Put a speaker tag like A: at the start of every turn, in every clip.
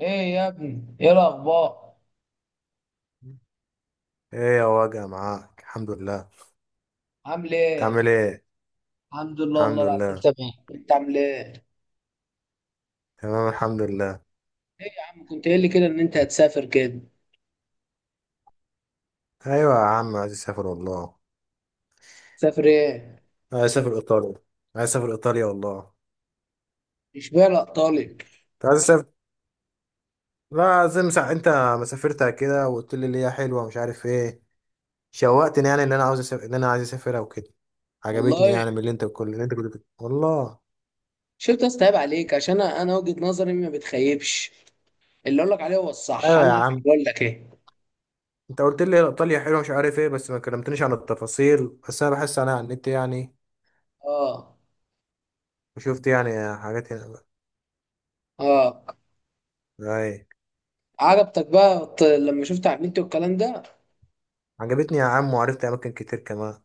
A: ايه يا ابني، ايه الاخبار؟
B: ايه يا وجع معاك الحمد لله.
A: عامل
B: تعمل
A: ايه؟
B: ايه؟
A: الحمد لله، والله
B: الحمد
A: العظيم
B: لله.
A: تمام. انت عامل ايه؟
B: تمام الحمد لله.
A: ايه يا عم، كنت قايل لي كده ان انت هتسافر كده.
B: ايوه يا عم عايز اسافر والله.
A: تسافر ايه؟
B: عايز اسافر ايطاليا. عايز اسافر ايطاليا والله.
A: مش بالك طالب؟
B: انت عايز اسافر. لا زي انت ما سافرتها كده وقلت لي اللي هي حلوه مش عارف ايه. شوقتني يعني اللي انا عايز اسافرها وكده. عجبتني
A: والله.
B: يعني من اللي انت كل اللي انت والله.
A: شفت استهاب عليك، عشان انا وجهة نظري ما بتخيبش. اللي اقول لك عليه هو الصح،
B: ايوه يا
A: انا عارف
B: عم.
A: بقول لك ايه.
B: انت قلت لي ايطاليا حلوه مش عارف ايه، بس ما كلمتنيش عن التفاصيل، بس انا بحس انا على النت يعني.
A: اه.
B: وشفت يعني حاجات هنا.
A: اه.
B: ايوه.
A: عجبتك بقى لما شفت على النت والكلام ده؟
B: عجبتني يا عم وعرفت اماكن كتير كمان.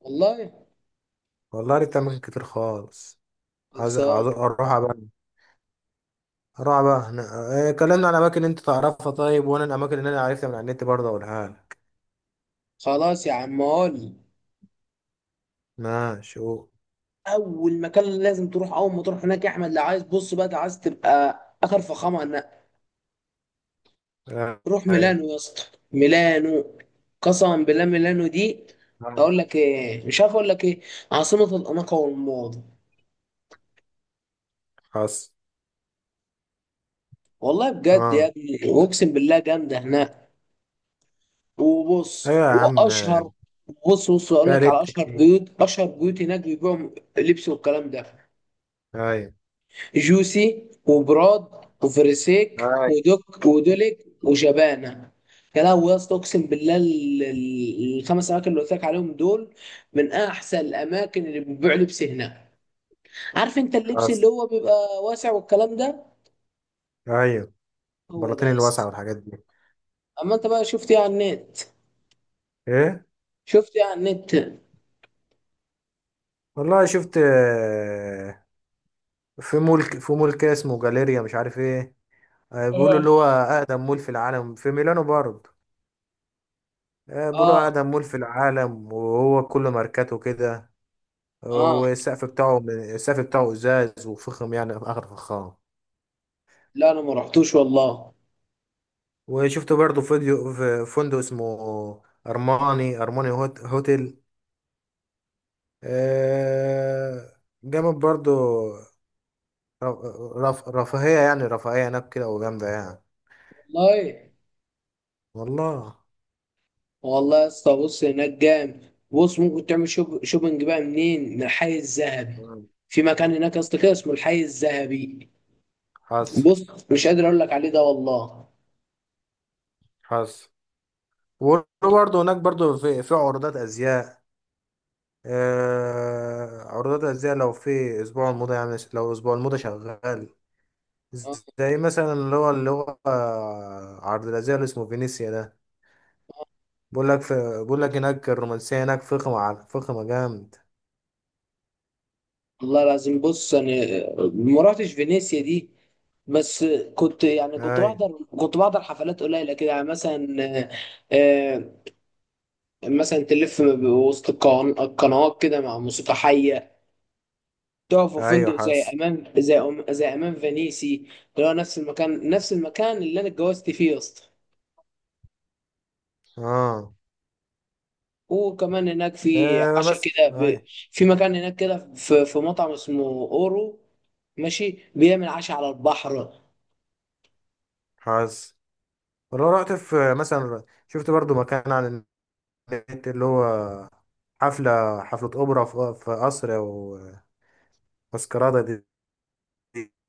A: والله.
B: والله عرفت اماكن كتير خالص. عايز
A: خلصان.
B: عايز اروحها بقى. اروحها بقى هنا. آه، كلمنا عن اماكن انت تعرفها طيب، وانا الاماكن اللي انا عرفتها من على النت برضه اقولها لك.
A: خلاص يا عم، قول.
B: ماشي قول.
A: اول مكان لازم تروح، اول ما تروح هناك يا احمد لو عايز، بص بقى، لو عايز تبقى اخر فخامه، انا
B: آه،
A: روح
B: ايوه.
A: ميلانو يا اسطى. ميلانو. قسما بالله ميلانو دي، اقول
B: آه،
A: لك ايه مش عارف اقول لك ايه. عاصمه الاناقه والموضه.
B: حصل.
A: والله بجد يا
B: اه.
A: ابني، اقسم بالله جامده هناك. وبص
B: ايوه يا عم. آه،
A: واشهر. بص اقول
B: فيها
A: لك على
B: لبس
A: اشهر
B: كتير.
A: بيوت اشهر بيوت هناك بيبيعوا لبس والكلام ده.
B: ايوه.
A: جوسي وبراد وفريسيك
B: ايوه.
A: ودوك ودوليك وشبانه. يا لهوي يا اسطى، اقسم بالله الخمس اماكن اللي قلت لك عليهم دول من احسن الاماكن اللي بتبيع لبس هناك. عارف انت اللبس
B: حصل.
A: اللي هو بيبقى واسع والكلام ده؟
B: ايوه.
A: هو ده
B: البلاطين
A: يا
B: الواسعه
A: اسطى.
B: والحاجات دي.
A: اما انت بقى شفت ايه على النت؟
B: ايه؟
A: شفت ايه على النت، ايه؟
B: والله شفت. في مول في مول كده اسمه جاليريا مش عارف ايه. آه، بيقولوا اللي هو أقدم مول في العالم في ميلانو برضه. آه، بيقولوا
A: اه.
B: أقدم مول في العالم، وهو كله ماركاته كده.
A: اه.
B: والسقف بتاعه السقف بتاعه إزاز وفخم يعني آخر فخام.
A: لا انا ما رحتوش والله.
B: وشفت برضه فيديو في فندق اسمه أرماني هوتيل. آه، جامد برضه. ر- رف رفاهية يعني رفاهية هناك كده وجامدة يعني.
A: والله.
B: والله.
A: والله يا اسطى بص هناك جامد. بص ممكن تعمل شوبنج بقى منين؟ من الحي الذهبي.
B: مم.
A: في مكان هناك يا اسطى كده اسمه الحي الذهبي.
B: حصل.
A: بص مش قادر اقول لك عليه ده والله.
B: حصل. وبرضه هناك برضه في عروضات أزياء. آه، عروضات الأزياء لو في أسبوع الموضة يعني لو أسبوع الموضة شغال.
A: آه،
B: زي مثلا اللي هو عرض الأزياء اللي اسمه فينيسيا ده. بقول لك في. بقول لك هناك الرومانسية هناك فخمة على فخمة جامد.
A: والله لازم. بص انا ما رحتش فينيسيا دي، بس كنت يعني كنت
B: أيوة.
A: بحضر كنت بحضر حفلات قليله كده يعني مثلا، آه، مثلا تلف وسط القنوات كده مع موسيقى حيه. تقف في
B: أيوة
A: فندق
B: حاسس.
A: زي امام فينيسي، اللي هو نفس المكان اللي انا اتجوزت فيه يا اسطى.
B: آه.
A: وكمان هناك في
B: آه،
A: عشاء
B: بس
A: كده
B: أيوة.
A: في مكان هناك كده، في مطعم اسمه اورو، ماشي بيعمل عشاء على البحر.
B: حاسس. ولو رحت في مثلا شفت برضو مكان على النت اللي هو حفلة أوبرا في قصر أو ماسكرادة دي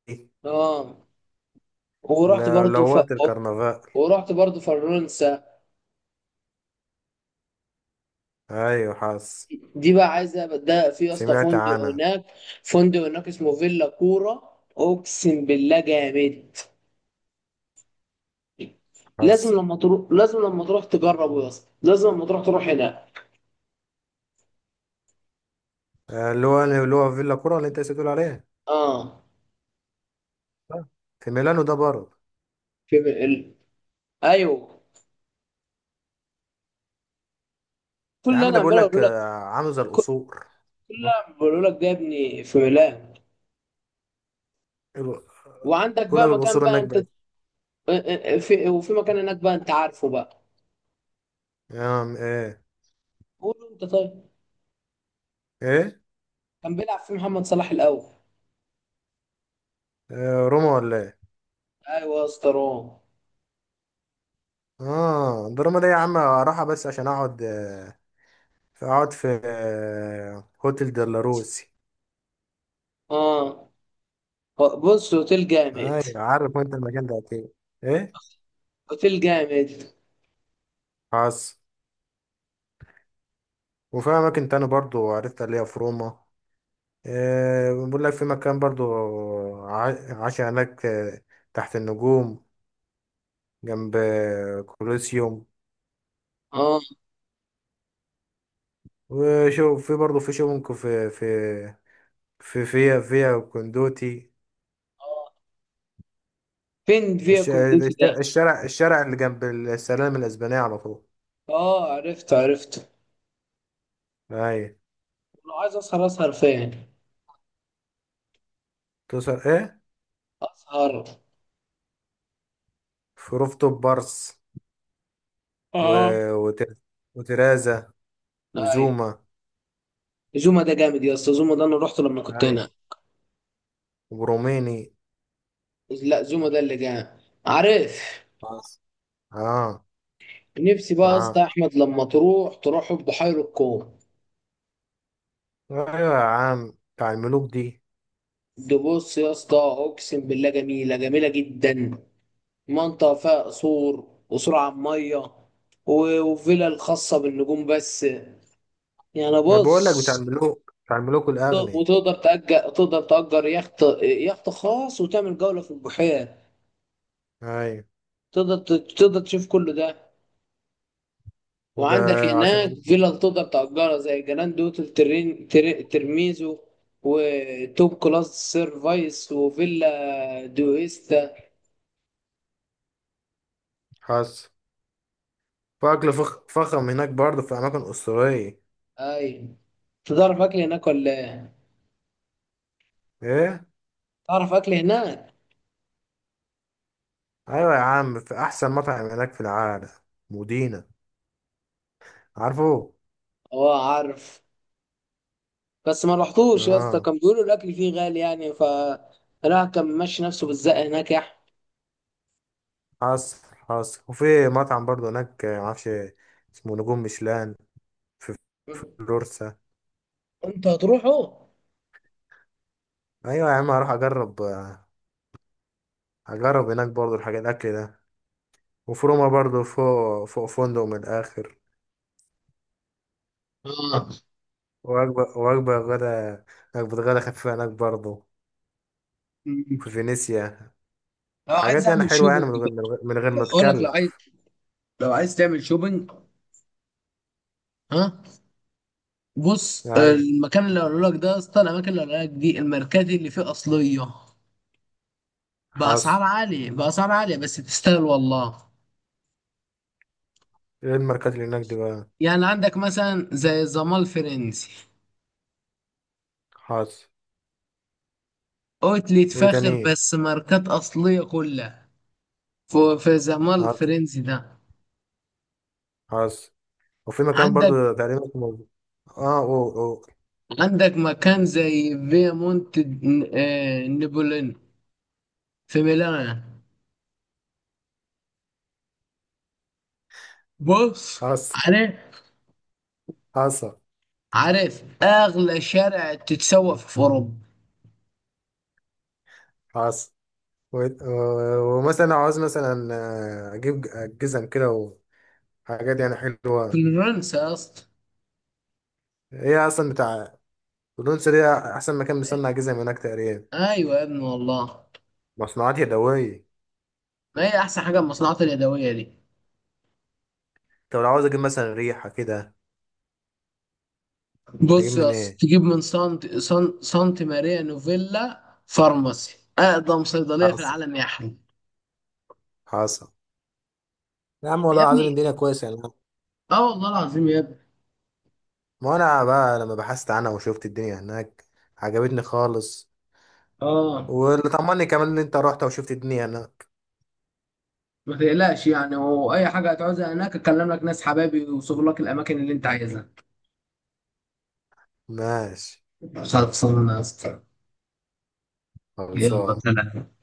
B: دي-
A: اه. ورحت
B: لو
A: برضو ف...
B: وقت الكرنفال.
A: ورحت برضو فرنسا.
B: ايوه حاسس.
A: دي بقى عايزه، ده في يا اسطى
B: سمعت
A: فندق
B: عنها.
A: هناك، فندق هناك اسمه فيلا كوره. اقسم بالله جامد. لازم
B: حاسس.
A: لما تروح لازم لما تروح تجربه يا اسطى، لازم لما تروح تروح هنا.
B: آه، اللي هو فيلا كورة اللي انت لسه بتقول عليها.
A: اه.
B: آه. في ميلانو ده برضه.
A: في ال... ايوه، كل
B: يا
A: اللي
B: عم
A: انا
B: ده
A: عمال
B: بقول لك
A: اقول لك،
B: عامل زي
A: كل
B: القصور.
A: كل اللي انا بقول لك ده يا ابني في ميلان.
B: ال-
A: وعندك
B: بقول لك
A: بقى مكان
B: القصور
A: بقى
B: هناك
A: انت،
B: بقى.
A: في مكان هناك بقى انت عارفه بقى.
B: آه، ايه.
A: قول له انت طيب.
B: ايه.
A: كان بيلعب في محمد صلاح الاول.
B: آه، روما ولا ايه؟
A: ايوه يا اسطى روم.
B: اه ده روما ده يا عم راحة بس عشان اقعد في هوتيل ديلاروسي.
A: اه. بص اوتيل جامد.
B: ايوه عارف انت المكان ده اكيد. ايه.
A: اوتيل جامد.
B: حاسس. وفي اماكن تاني برضه عرفتها اللي هي في روما. آه، بقول لك في مكان برضو عاش هناك، آه، تحت النجوم، جنب كولوسيوم.
A: اه.
B: وشو في برضو في شونكو في فيا كوندوتي.
A: اه. فين فيا
B: الش-
A: كونديتي
B: الش-
A: ده؟
B: الشارع الشارع اللي جنب السلام الأسبانية على طول.
A: اه، عرفت عرفت.
B: أي.
A: لو عايز اسهر، اسهر فين؟
B: توصل إيه؟
A: اسهر.
B: في روفتوب بارس و...
A: اه.
B: وتر... وترازا
A: اي.
B: وزوما.
A: زوما ده جامد يا اسطى، زوما ده انا رحت لما كنت
B: أي.
A: هنا.
B: وبروميني.
A: لا زوما ده اللي جامد. عارف.
B: آه.
A: نفسي بقى يا اسطى
B: معاه.
A: احمد لما تروح، تروح بحيرة الكون.
B: أيوة يا عم بتاع الملوك دي.
A: ده بص يا اسطى اقسم بالله جميله جميله جدا. منطقه فيها قصور قصور على الميه، و- وفيلا الخاصه بالنجوم بس. يعني
B: ما بقول لك بتاع
A: بص،
B: الملوك بتاع الملوك الأغنياء.
A: وتقدر تأجر، تقدر تأجر يخت خاص، وتعمل جوله في البحيره.
B: أيوة.
A: تقدر تشوف كل ده.
B: وجا.
A: وعندك هناك
B: عشان.
A: فيلا تقدر تأجرها زي جراند اوتيل ترين ترميزو، وتوب كلاس سيرفايس وفيلا دويستا.
B: حصل. فأكل فخم هناك برضه في أماكن أسطورية.
A: اي. تعرف اكل هناك ولا ايه؟
B: إيه؟
A: تعرف اكل هناك.
B: أيوة يا عم في أحسن مطعم هناك في العالم. مدينة. عارفه؟
A: اه عارف. بس ما رحتوش يا اسطى،
B: آه.
A: كان بيقولوا الاكل فيه غالي يعني راح كان ماشي نفسه بالزق هناك يا
B: حصل. حصل. وفي مطعم برضه هناك معرفش اسمه نجوم ميشلان. في
A: احمد.
B: فلورسا.
A: انت هتروحه.
B: أيوة يا عم هروح أجرب هناك برضه الحاجات الأكل ده. وفي روما برضه فوق فوق فندق من الآخر.
A: اه.
B: وجبة غدا. وجبة غدا خفيفة هناك برضه. في فينيسيا.
A: لو عايز
B: حاجات يعني
A: اعمل
B: حلوة يعني
A: شوبينج،
B: من غير ما
A: اقول لك، لو عايز
B: تكلف.
A: لو عايز تعمل شوبينج. ها. بص
B: أي.
A: المكان اللي هقوله لك ده يا اسطى، الاماكن اللي هقولها لك دي الماركات اللي فيه اصليه،
B: حصل.
A: باسعار عاليه، باسعار عاليه بس تستاهل والله.
B: ايه الماركات اللي هناك دي بقى؟
A: يعني عندك مثلا زي الزمال الفرنسي،
B: حصل.
A: اوتليت
B: وايه تاني
A: فاخر
B: إيه؟
A: بس ماركات اصليه كلها. في في الزمال
B: حصل.
A: الفرنسي ده.
B: حصل. وفي مكان
A: عندك
B: برضه تقريبا اسمه. اه او.
A: عندك مكان زي فيا مونت نابولين في ميلان. بص.
B: حصل.
A: عارف،
B: حصل.
A: عارف اغلى شارع تتسوق في اوروبا؟
B: حصل. ومثلا عاوز مثلا اجيب جزم كده وحاجات يعني
A: في
B: حلوة.
A: فرنسا يا اسطى.
B: هي اصلا بتاع. تونس دي احسن مكان بيصنع جزم هناك تقريبا.
A: ايوه يا ابني والله.
B: مصنوعات يدوية.
A: ما هي احسن حاجه المصنوعات اليدويه دي.
B: طب لو عاوز اجيب مثلا ريحه كده. هجيب
A: بص يا
B: من ايه؟
A: اسطى تجيب من سانت ماريا نوفيلا فارماسي، اقدم صيدليه في
B: حصل.
A: العالم يا احمد.
B: حصل. يا عم
A: يا
B: والله العظيم
A: ابني،
B: الدنيا كويسه يعني.
A: اه والله العظيم يا ابني.
B: ما انا بقى لما بحثت عنها وشفت الدنيا هناك عجبتني خالص.
A: اه.
B: واللي طمني كمان ان انت رحت وشفت الدنيا هناك.
A: ما تقلقش يعني، واي حاجه هتعوزها هناك اكلم لك ناس حبايبي يوصفوا لك الاماكن اللي انت عايزها.
B: ماشي.
A: خلصانه يا اسطى. يلا
B: خلصان.
A: سلام.